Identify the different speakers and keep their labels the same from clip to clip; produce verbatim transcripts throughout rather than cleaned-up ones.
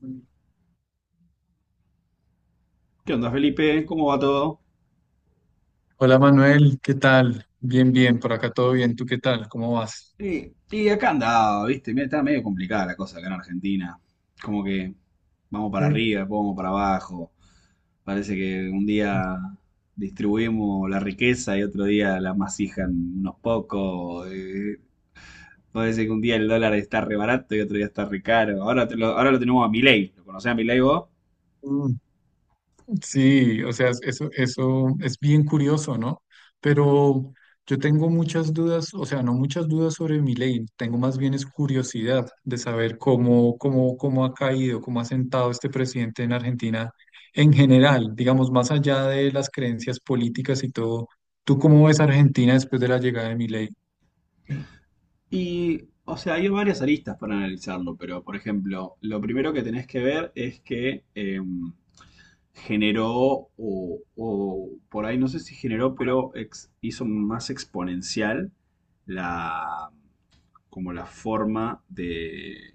Speaker 1: Hola
Speaker 2: ¿Qué onda, Felipe? ¿Cómo va todo?
Speaker 1: Manuel, ¿qué tal? Bien, bien, por acá todo bien. ¿Tú qué tal? ¿Cómo vas?
Speaker 2: Y, y acá andaba, ¿viste? Mira, está medio complicada la cosa acá en Argentina. Como que vamos para
Speaker 1: Eh,
Speaker 2: arriba, después vamos para abajo. Parece que un día distribuimos la riqueza y otro día la masijan unos pocos. Eh, parece que un día el dólar está re barato y otro día está re caro. Ahora, te lo, ahora lo tenemos a Milei. ¿Lo conocés a Milei vos?
Speaker 1: mm, Sí, o sea, es- eso, eso es bien curioso, ¿no? Pero yo tengo muchas dudas, o sea, no muchas dudas sobre mi ley, tengo más bien es curiosidad de saber cómo, cómo, cómo ha caído, cómo ha sentado este presidente en Argentina en general, digamos, más allá de las creencias políticas y todo. ¿Tú cómo ves Argentina después de la llegada de mi ley?
Speaker 2: Y, o sea, hay varias aristas para analizarlo, pero, por ejemplo, lo primero que tenés que ver es que... em, generó, o, o por ahí no sé si generó, pero ex- hizo más exponencial la, como la forma de,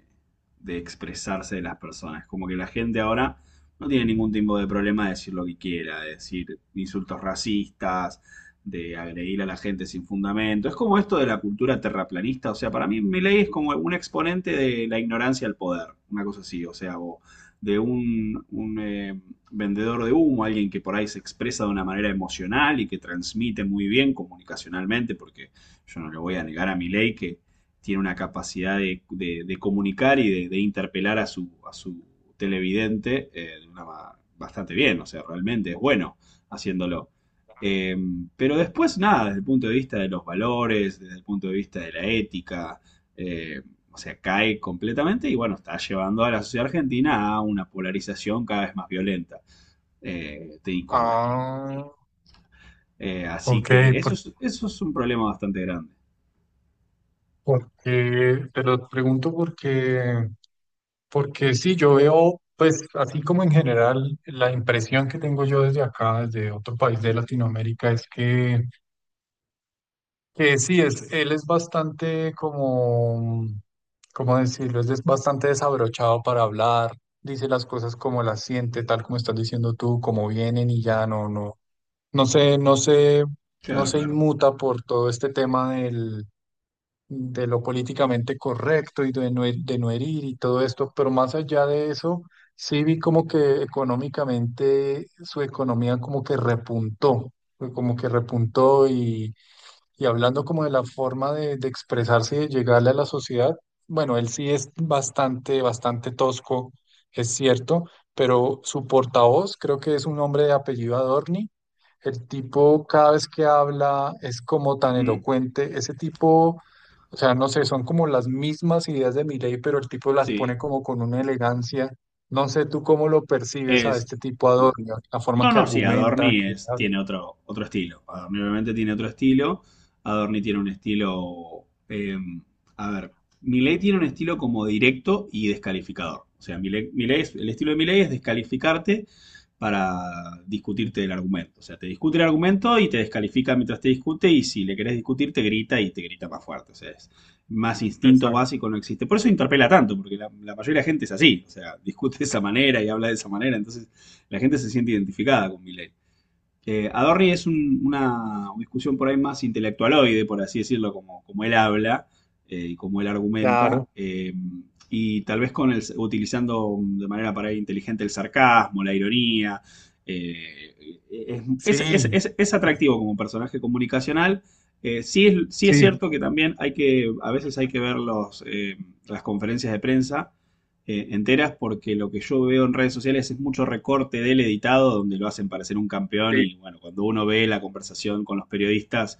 Speaker 2: de expresarse de las personas. Como que la gente ahora no tiene ningún tipo de problema de decir lo que quiera, de decir insultos racistas, de agredir a la gente sin fundamento. Es como esto de la cultura terraplanista. O sea, para mí Milei es como un exponente de la ignorancia al poder, una cosa así. O sea, o de un, un eh, vendedor de humo, alguien que por ahí se expresa de una manera emocional y que transmite muy bien comunicacionalmente, porque yo no le voy a negar a Milei que tiene una capacidad de, de- de comunicar y de, de interpelar a su, a su televidente eh, de una ma- bastante bien, o sea, realmente es bueno haciéndolo. Eh, pero después, nada, desde el punto de vista de los valores, desde el punto de vista de la ética, eh, o sea, cae completamente y bueno, está llevando a la sociedad argentina a una polarización cada vez más violenta. eh, de- con- con-
Speaker 1: Ah,
Speaker 2: eh, Así
Speaker 1: ok.
Speaker 2: que eso es, eso es un problema bastante grande.
Speaker 1: Porque te lo pregunto porque, porque sí, yo veo, pues así como en general, la impresión que tengo yo desde acá, desde otro país de Latinoamérica, es que, que sí, es, él es bastante como, ¿cómo decirlo? Es des- bastante desabrochado para hablar, dice las cosas como las siente, tal como estás diciendo tú, como vienen y ya no, no, no sé, no sé, no
Speaker 2: Claro,
Speaker 1: se
Speaker 2: claro.
Speaker 1: inmuta por todo este tema de lo políticamente correcto y de no, he- de no herir y todo esto, pero más allá de eso, sí vi como que económicamente su economía como que repuntó, fue como que repuntó y y hablando como de la forma de, de expresarse y de llegarle a la sociedad, bueno, él sí es bastante, bastante tosco, es cierto, pero su portavoz creo que es un hombre de apellido Adorni. El tipo cada vez que habla es como tan
Speaker 2: Ujú.
Speaker 1: elocuente. Ese tipo, o sea, no sé, son como las mismas ideas de Milei, pero el tipo las pone
Speaker 2: Sí.
Speaker 1: como con una elegancia. No sé tú cómo lo percibes a
Speaker 2: Es.
Speaker 1: este tipo Adorni, la forma
Speaker 2: No,
Speaker 1: que
Speaker 2: no, sí,
Speaker 1: argumenta,
Speaker 2: Adorni
Speaker 1: que
Speaker 2: es,
Speaker 1: habla.
Speaker 2: tiene otro, otro estilo. Adorni obviamente tiene otro estilo. Adorni tiene un estilo. Eh, a ver, Milei tiene un estilo como directo y descalificador. O sea, Milei, Milei es- el estilo de Milei es descalificarte para discutirte el argumento. O sea, te discute el argumento y te descalifica mientras te discute y si le querés discutir te grita y te grita más fuerte. O sea, más instinto
Speaker 1: Exacto.
Speaker 2: básico no existe. Por eso interpela tanto, porque la, la, mayoría de la gente es así, o sea, discute de esa manera y habla de esa manera, entonces la gente se siente identificada con Milei. Eh, Adorni es un- una discusión por ahí más intelectualoide, por así decirlo, como, como él habla eh, y como él
Speaker 1: Claro.
Speaker 2: argumenta, eh, y tal vez con el, utilizando de manera para ahí inteligente el sarcasmo, la ironía. eh, es, es- es-
Speaker 1: Sí.
Speaker 2: es- es atractivo como personaje comunicacional. Eh, sí, es, sí es
Speaker 1: Sí,
Speaker 2: cierto que también hay que, a veces hay que ver los, eh, las conferencias de prensa eh, enteras porque lo que yo veo en redes sociales es mucho recorte del editado donde lo hacen parecer un campeón
Speaker 1: sí,
Speaker 2: y bueno, cuando uno ve la conversación con los periodistas,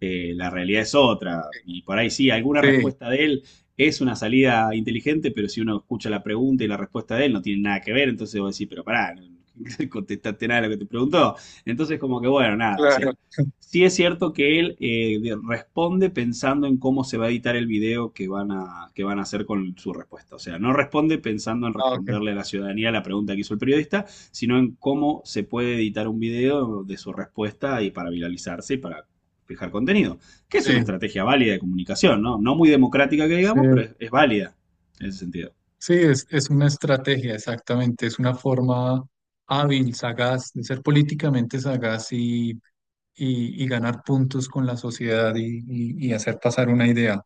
Speaker 2: eh, la realidad es otra. Y por ahí sí, alguna
Speaker 1: sí,
Speaker 2: respuesta de él es una salida inteligente, pero si uno escucha la pregunta y la respuesta de él no tiene nada que ver, entonces vos decís, pero pará, no no contestaste nada de lo que te preguntó. Entonces como que bueno, nada, o
Speaker 1: claro.
Speaker 2: sea, sí es cierto que él eh, de- responde pensando en cómo se va a editar el video que van a, que van a hacer con su respuesta. O sea, no responde pensando en
Speaker 1: Ah, ok.
Speaker 2: responderle a la ciudadanía la pregunta que hizo el periodista, sino en cómo se puede editar un video de su respuesta y para viralizarse y para fijar contenido. Que es una
Speaker 1: Sí,
Speaker 2: estrategia válida de comunicación, ¿no? No muy democrática que
Speaker 1: sí,
Speaker 2: digamos, pero es, es válida en ese sentido.
Speaker 1: sí, es, es una estrategia, exactamente. Es una forma hábil, sagaz, de ser políticamente sagaz y, y- y ganar puntos con la sociedad y, y- y hacer pasar una idea.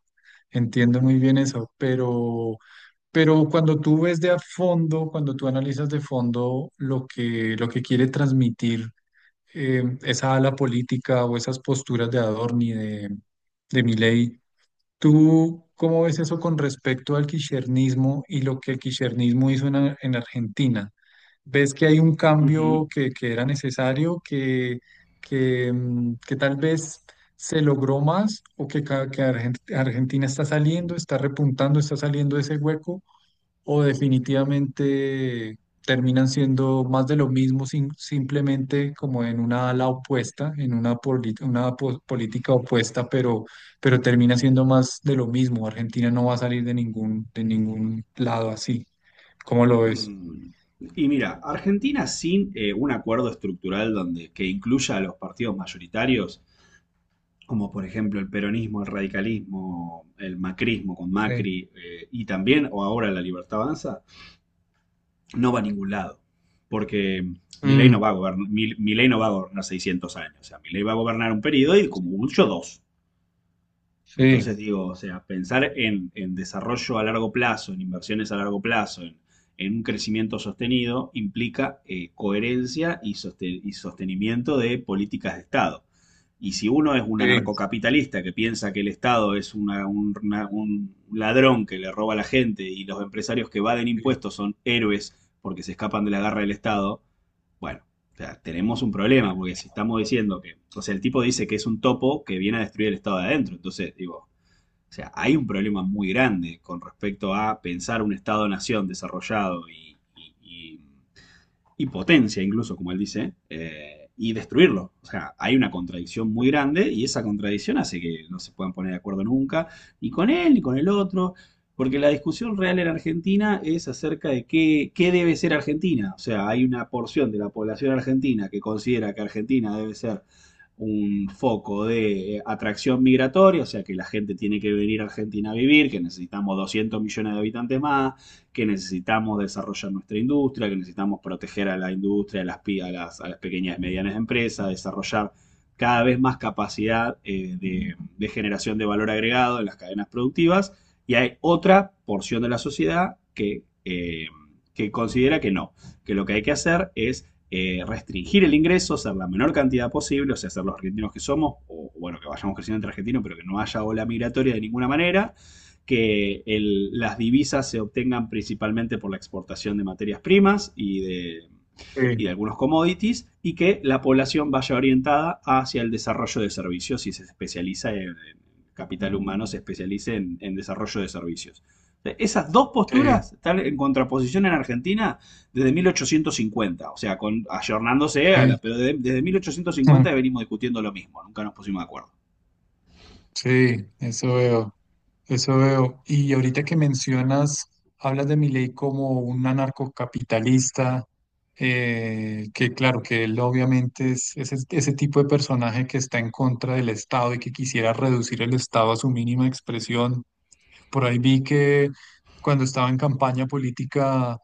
Speaker 1: Entiendo muy bien eso, pero, pero cuando tú ves de a fondo, cuando tú analizas de fondo lo que, lo que quiere transmitir eh, esa ala política o esas posturas de Adorni, de, de Milei, ¿tú cómo ves eso con respecto al kirchnerismo y lo que el kirchnerismo hizo en, Ar- en Argentina? ¿Ves que hay un
Speaker 2: Ujú.
Speaker 1: cambio que, que era necesario, que, que, mm, que tal vez se logró más o que, ca- que Argen- Argentina está saliendo, está repuntando, está saliendo de ese hueco? ¿O definitivamente terminan siendo más de lo mismo, sim- simplemente como en una ala opuesta, en una, poli- una po- política opuesta, pero, pero termina siendo más de lo mismo? Argentina no va a salir de ningún, de ningún lado así. ¿Cómo lo ves?
Speaker 2: Mm. Y mira, Argentina sin eh, un acuerdo estructural donde, que incluya a los partidos mayoritarios como por ejemplo el peronismo, el radicalismo, el macrismo con
Speaker 1: Sí.
Speaker 2: Macri eh, y también, o ahora la libertad avanza, no va a ningún lado. Porque Milei
Speaker 1: Mm,
Speaker 2: no va a gobernar, Milei no va a gobernar seiscientos años. O sea, Milei va a gobernar un periodo y como mucho dos.
Speaker 1: sí,
Speaker 2: Entonces digo, o sea, pensar en, en desarrollo a largo plazo, en inversiones a largo plazo, en, en un crecimiento sostenido, implica eh, coherencia y, soste- y sostenimiento de políticas de Estado. Y si uno es un
Speaker 1: sí,
Speaker 2: anarcocapitalista que piensa que el Estado es una- un, una- un ladrón que le roba a la gente y los empresarios que evaden
Speaker 1: sí,
Speaker 2: impuestos son héroes porque se escapan de la garra del Estado, bueno, o sea, tenemos un problema, porque si estamos diciendo que, o sea, el tipo dice que es un topo que viene a destruir el Estado de adentro, entonces digo, o sea, hay un problema muy grande con respecto a pensar un Estado-nación desarrollado y, y- y y potencia incluso, como él dice, eh, y destruirlo. O sea, hay una contradicción muy grande y esa contradicción hace que no se puedan poner de acuerdo nunca, ni con él ni con el otro, porque la discusión real en Argentina es acerca de qué, qué debe ser Argentina. O sea, hay una porción de la población argentina que considera que Argentina debe ser un foco de eh, atracción migratoria, o sea que la gente tiene que venir a Argentina a vivir, que necesitamos doscientos millones de habitantes más, que necesitamos desarrollar nuestra industria, que necesitamos proteger a la industria, a las, a las, a las pequeñas y medianas empresas, desarrollar cada vez más capacidad eh, de, de generación de valor agregado en las cadenas productivas, y hay otra porción de la sociedad que, eh, que considera que no, que lo que hay que hacer es eh, restringir el ingreso, ser la menor cantidad posible, o sea, ser los argentinos que somos, o bueno, que vayamos creciendo entre argentinos, pero que no haya ola migratoria de ninguna manera, que el- las divisas se obtengan principalmente por la exportación de materias primas y de, y
Speaker 1: sí,
Speaker 2: de algunos commodities, y que la población vaya orientada hacia el desarrollo de servicios y se especializa en, en capital humano, se especialice en, en desarrollo de servicios. Esas dos
Speaker 1: sí,
Speaker 2: posturas están en contraposición en Argentina desde mil ochocientos cincuenta, o sea, con, ayornándose, a la,
Speaker 1: ok,
Speaker 2: pero de- desde
Speaker 1: mm,
Speaker 2: mil ochocientos cincuenta venimos discutiendo lo mismo, nunca nos pusimos de acuerdo.
Speaker 1: sí, eso veo. Eso veo. Y ahorita que mencionas, hablas de Milei como un anarcocapitalista, eh, que claro, que él obviamente es ese, ese tipo de personaje que está en contra del Estado y que quisiera reducir el Estado a su mínima expresión. Por ahí vi que cuando estaba en campaña política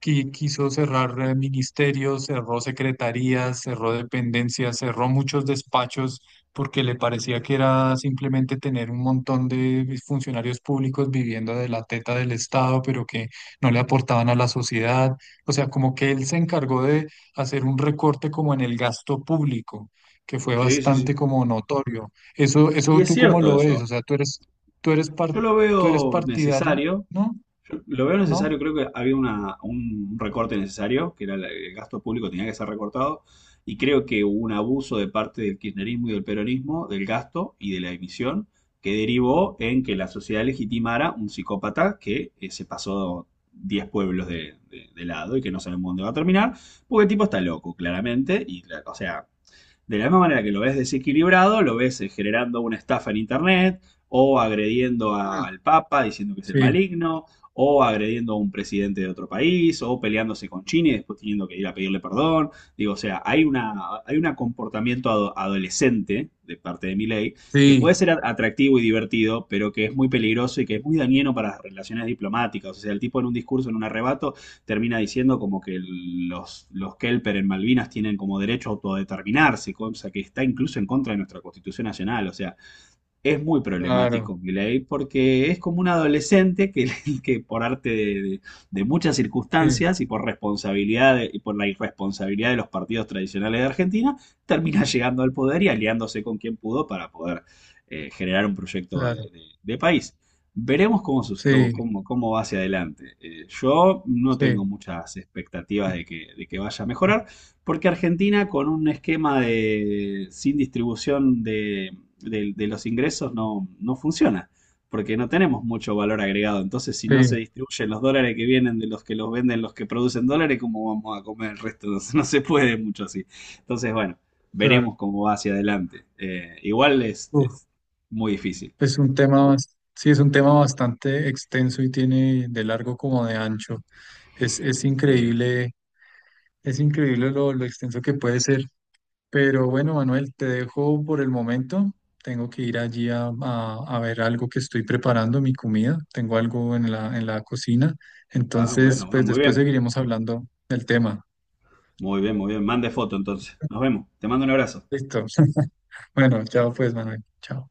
Speaker 1: qui- quiso cerrar eh, ministerios, cerró secretarías, cerró dependencias, cerró muchos despachos porque le parecía que era simplemente tener un montón de funcionarios públicos viviendo de la teta del Estado, pero que no le aportaban a la sociedad. O sea, como que él se encargó de hacer un recorte como en el gasto público, que fue
Speaker 2: Sí, sí,
Speaker 1: bastante
Speaker 2: sí.
Speaker 1: como notorio. Eso, eso
Speaker 2: Y es
Speaker 1: tú cómo
Speaker 2: cierto
Speaker 1: lo ves, o
Speaker 2: eso.
Speaker 1: sea, tú eres, tú eres
Speaker 2: Yo
Speaker 1: par-
Speaker 2: lo
Speaker 1: tú eres
Speaker 2: veo
Speaker 1: partidario,
Speaker 2: necesario.
Speaker 1: ¿no?
Speaker 2: Yo lo veo necesario,
Speaker 1: ¿No?
Speaker 2: creo que había una, un recorte necesario, que era la- el gasto público tenía que ser recortado, y creo que hubo un abuso de parte del kirchnerismo y del peronismo del gasto y de la emisión, que derivó en que la sociedad legitimara un psicópata que eh, se pasó diez pueblos de, de- de lado y que no sabemos dónde va a terminar, porque el tipo está loco, claramente, y la- o sea, de la misma manera que lo ves desequilibrado, lo ves eh, generando una estafa en Internet o agrediendo
Speaker 1: Mm.
Speaker 2: al Papa diciendo que es el
Speaker 1: Sí,
Speaker 2: maligno o agrediendo a un presidente de otro país o peleándose con China y después teniendo que ir a pedirle perdón. Digo, o sea, hay una, hay un comportamiento ado- adolescente de parte de Milei que puede
Speaker 1: sí,
Speaker 2: ser a- atractivo y divertido, pero que es muy peligroso y que es muy dañino para las relaciones diplomáticas. O sea, el tipo en un discurso, en un arrebato, termina diciendo como que los, los Kelper en Malvinas tienen como derecho a autodeterminarse, cosa que está incluso en contra de nuestra Constitución Nacional. O sea, es muy
Speaker 1: claro,
Speaker 2: problemático Milei porque es como un adolescente que, que por arte de, de- de muchas
Speaker 1: sí,
Speaker 2: circunstancias y por responsabilidad de- y por la irresponsabilidad de los partidos tradicionales de Argentina, termina llegando al poder y aliándose con quien pudo para poder eh, generar un proyecto de,
Speaker 1: claro,
Speaker 2: de- de país. Veremos cómo, sus- cómo,
Speaker 1: sí,
Speaker 2: cómo- cómo va hacia adelante. Eh, yo no tengo
Speaker 1: sí,
Speaker 2: muchas expectativas de que, de que, vaya a mejorar, porque Argentina con un esquema de, sin distribución de de, de los ingresos no, no funciona, porque no tenemos mucho valor agregado. Entonces, si no se
Speaker 1: sí,
Speaker 2: distribuyen los dólares que vienen de los que los venden, los que producen dólares, ¿cómo vamos a comer el resto? No, se- no se puede mucho así. Entonces, bueno,
Speaker 1: claro.
Speaker 2: veremos cómo va hacia adelante. Eh, igual es,
Speaker 1: Uf,
Speaker 2: es muy difícil.
Speaker 1: es un tema, bas- sí, es un tema bastante extenso y tiene de largo como de ancho. Es, es
Speaker 2: Eh,
Speaker 1: increíble, es increíble lo, lo extenso que puede ser. Pero bueno, Manuel, te dejo por el momento. Tengo que ir allí a, a- a ver algo que estoy preparando, mi comida. Tengo algo en la, en la cocina.
Speaker 2: ah, bueno,
Speaker 1: Entonces,
Speaker 2: bueno,
Speaker 1: pues
Speaker 2: muy
Speaker 1: después
Speaker 2: bien.
Speaker 1: seguiremos hablando del tema.
Speaker 2: Muy bien, muy bien. Mande foto entonces. Nos vemos. Te mando un abrazo.
Speaker 1: Listo. Bueno, chao pues, Manuel. Chao.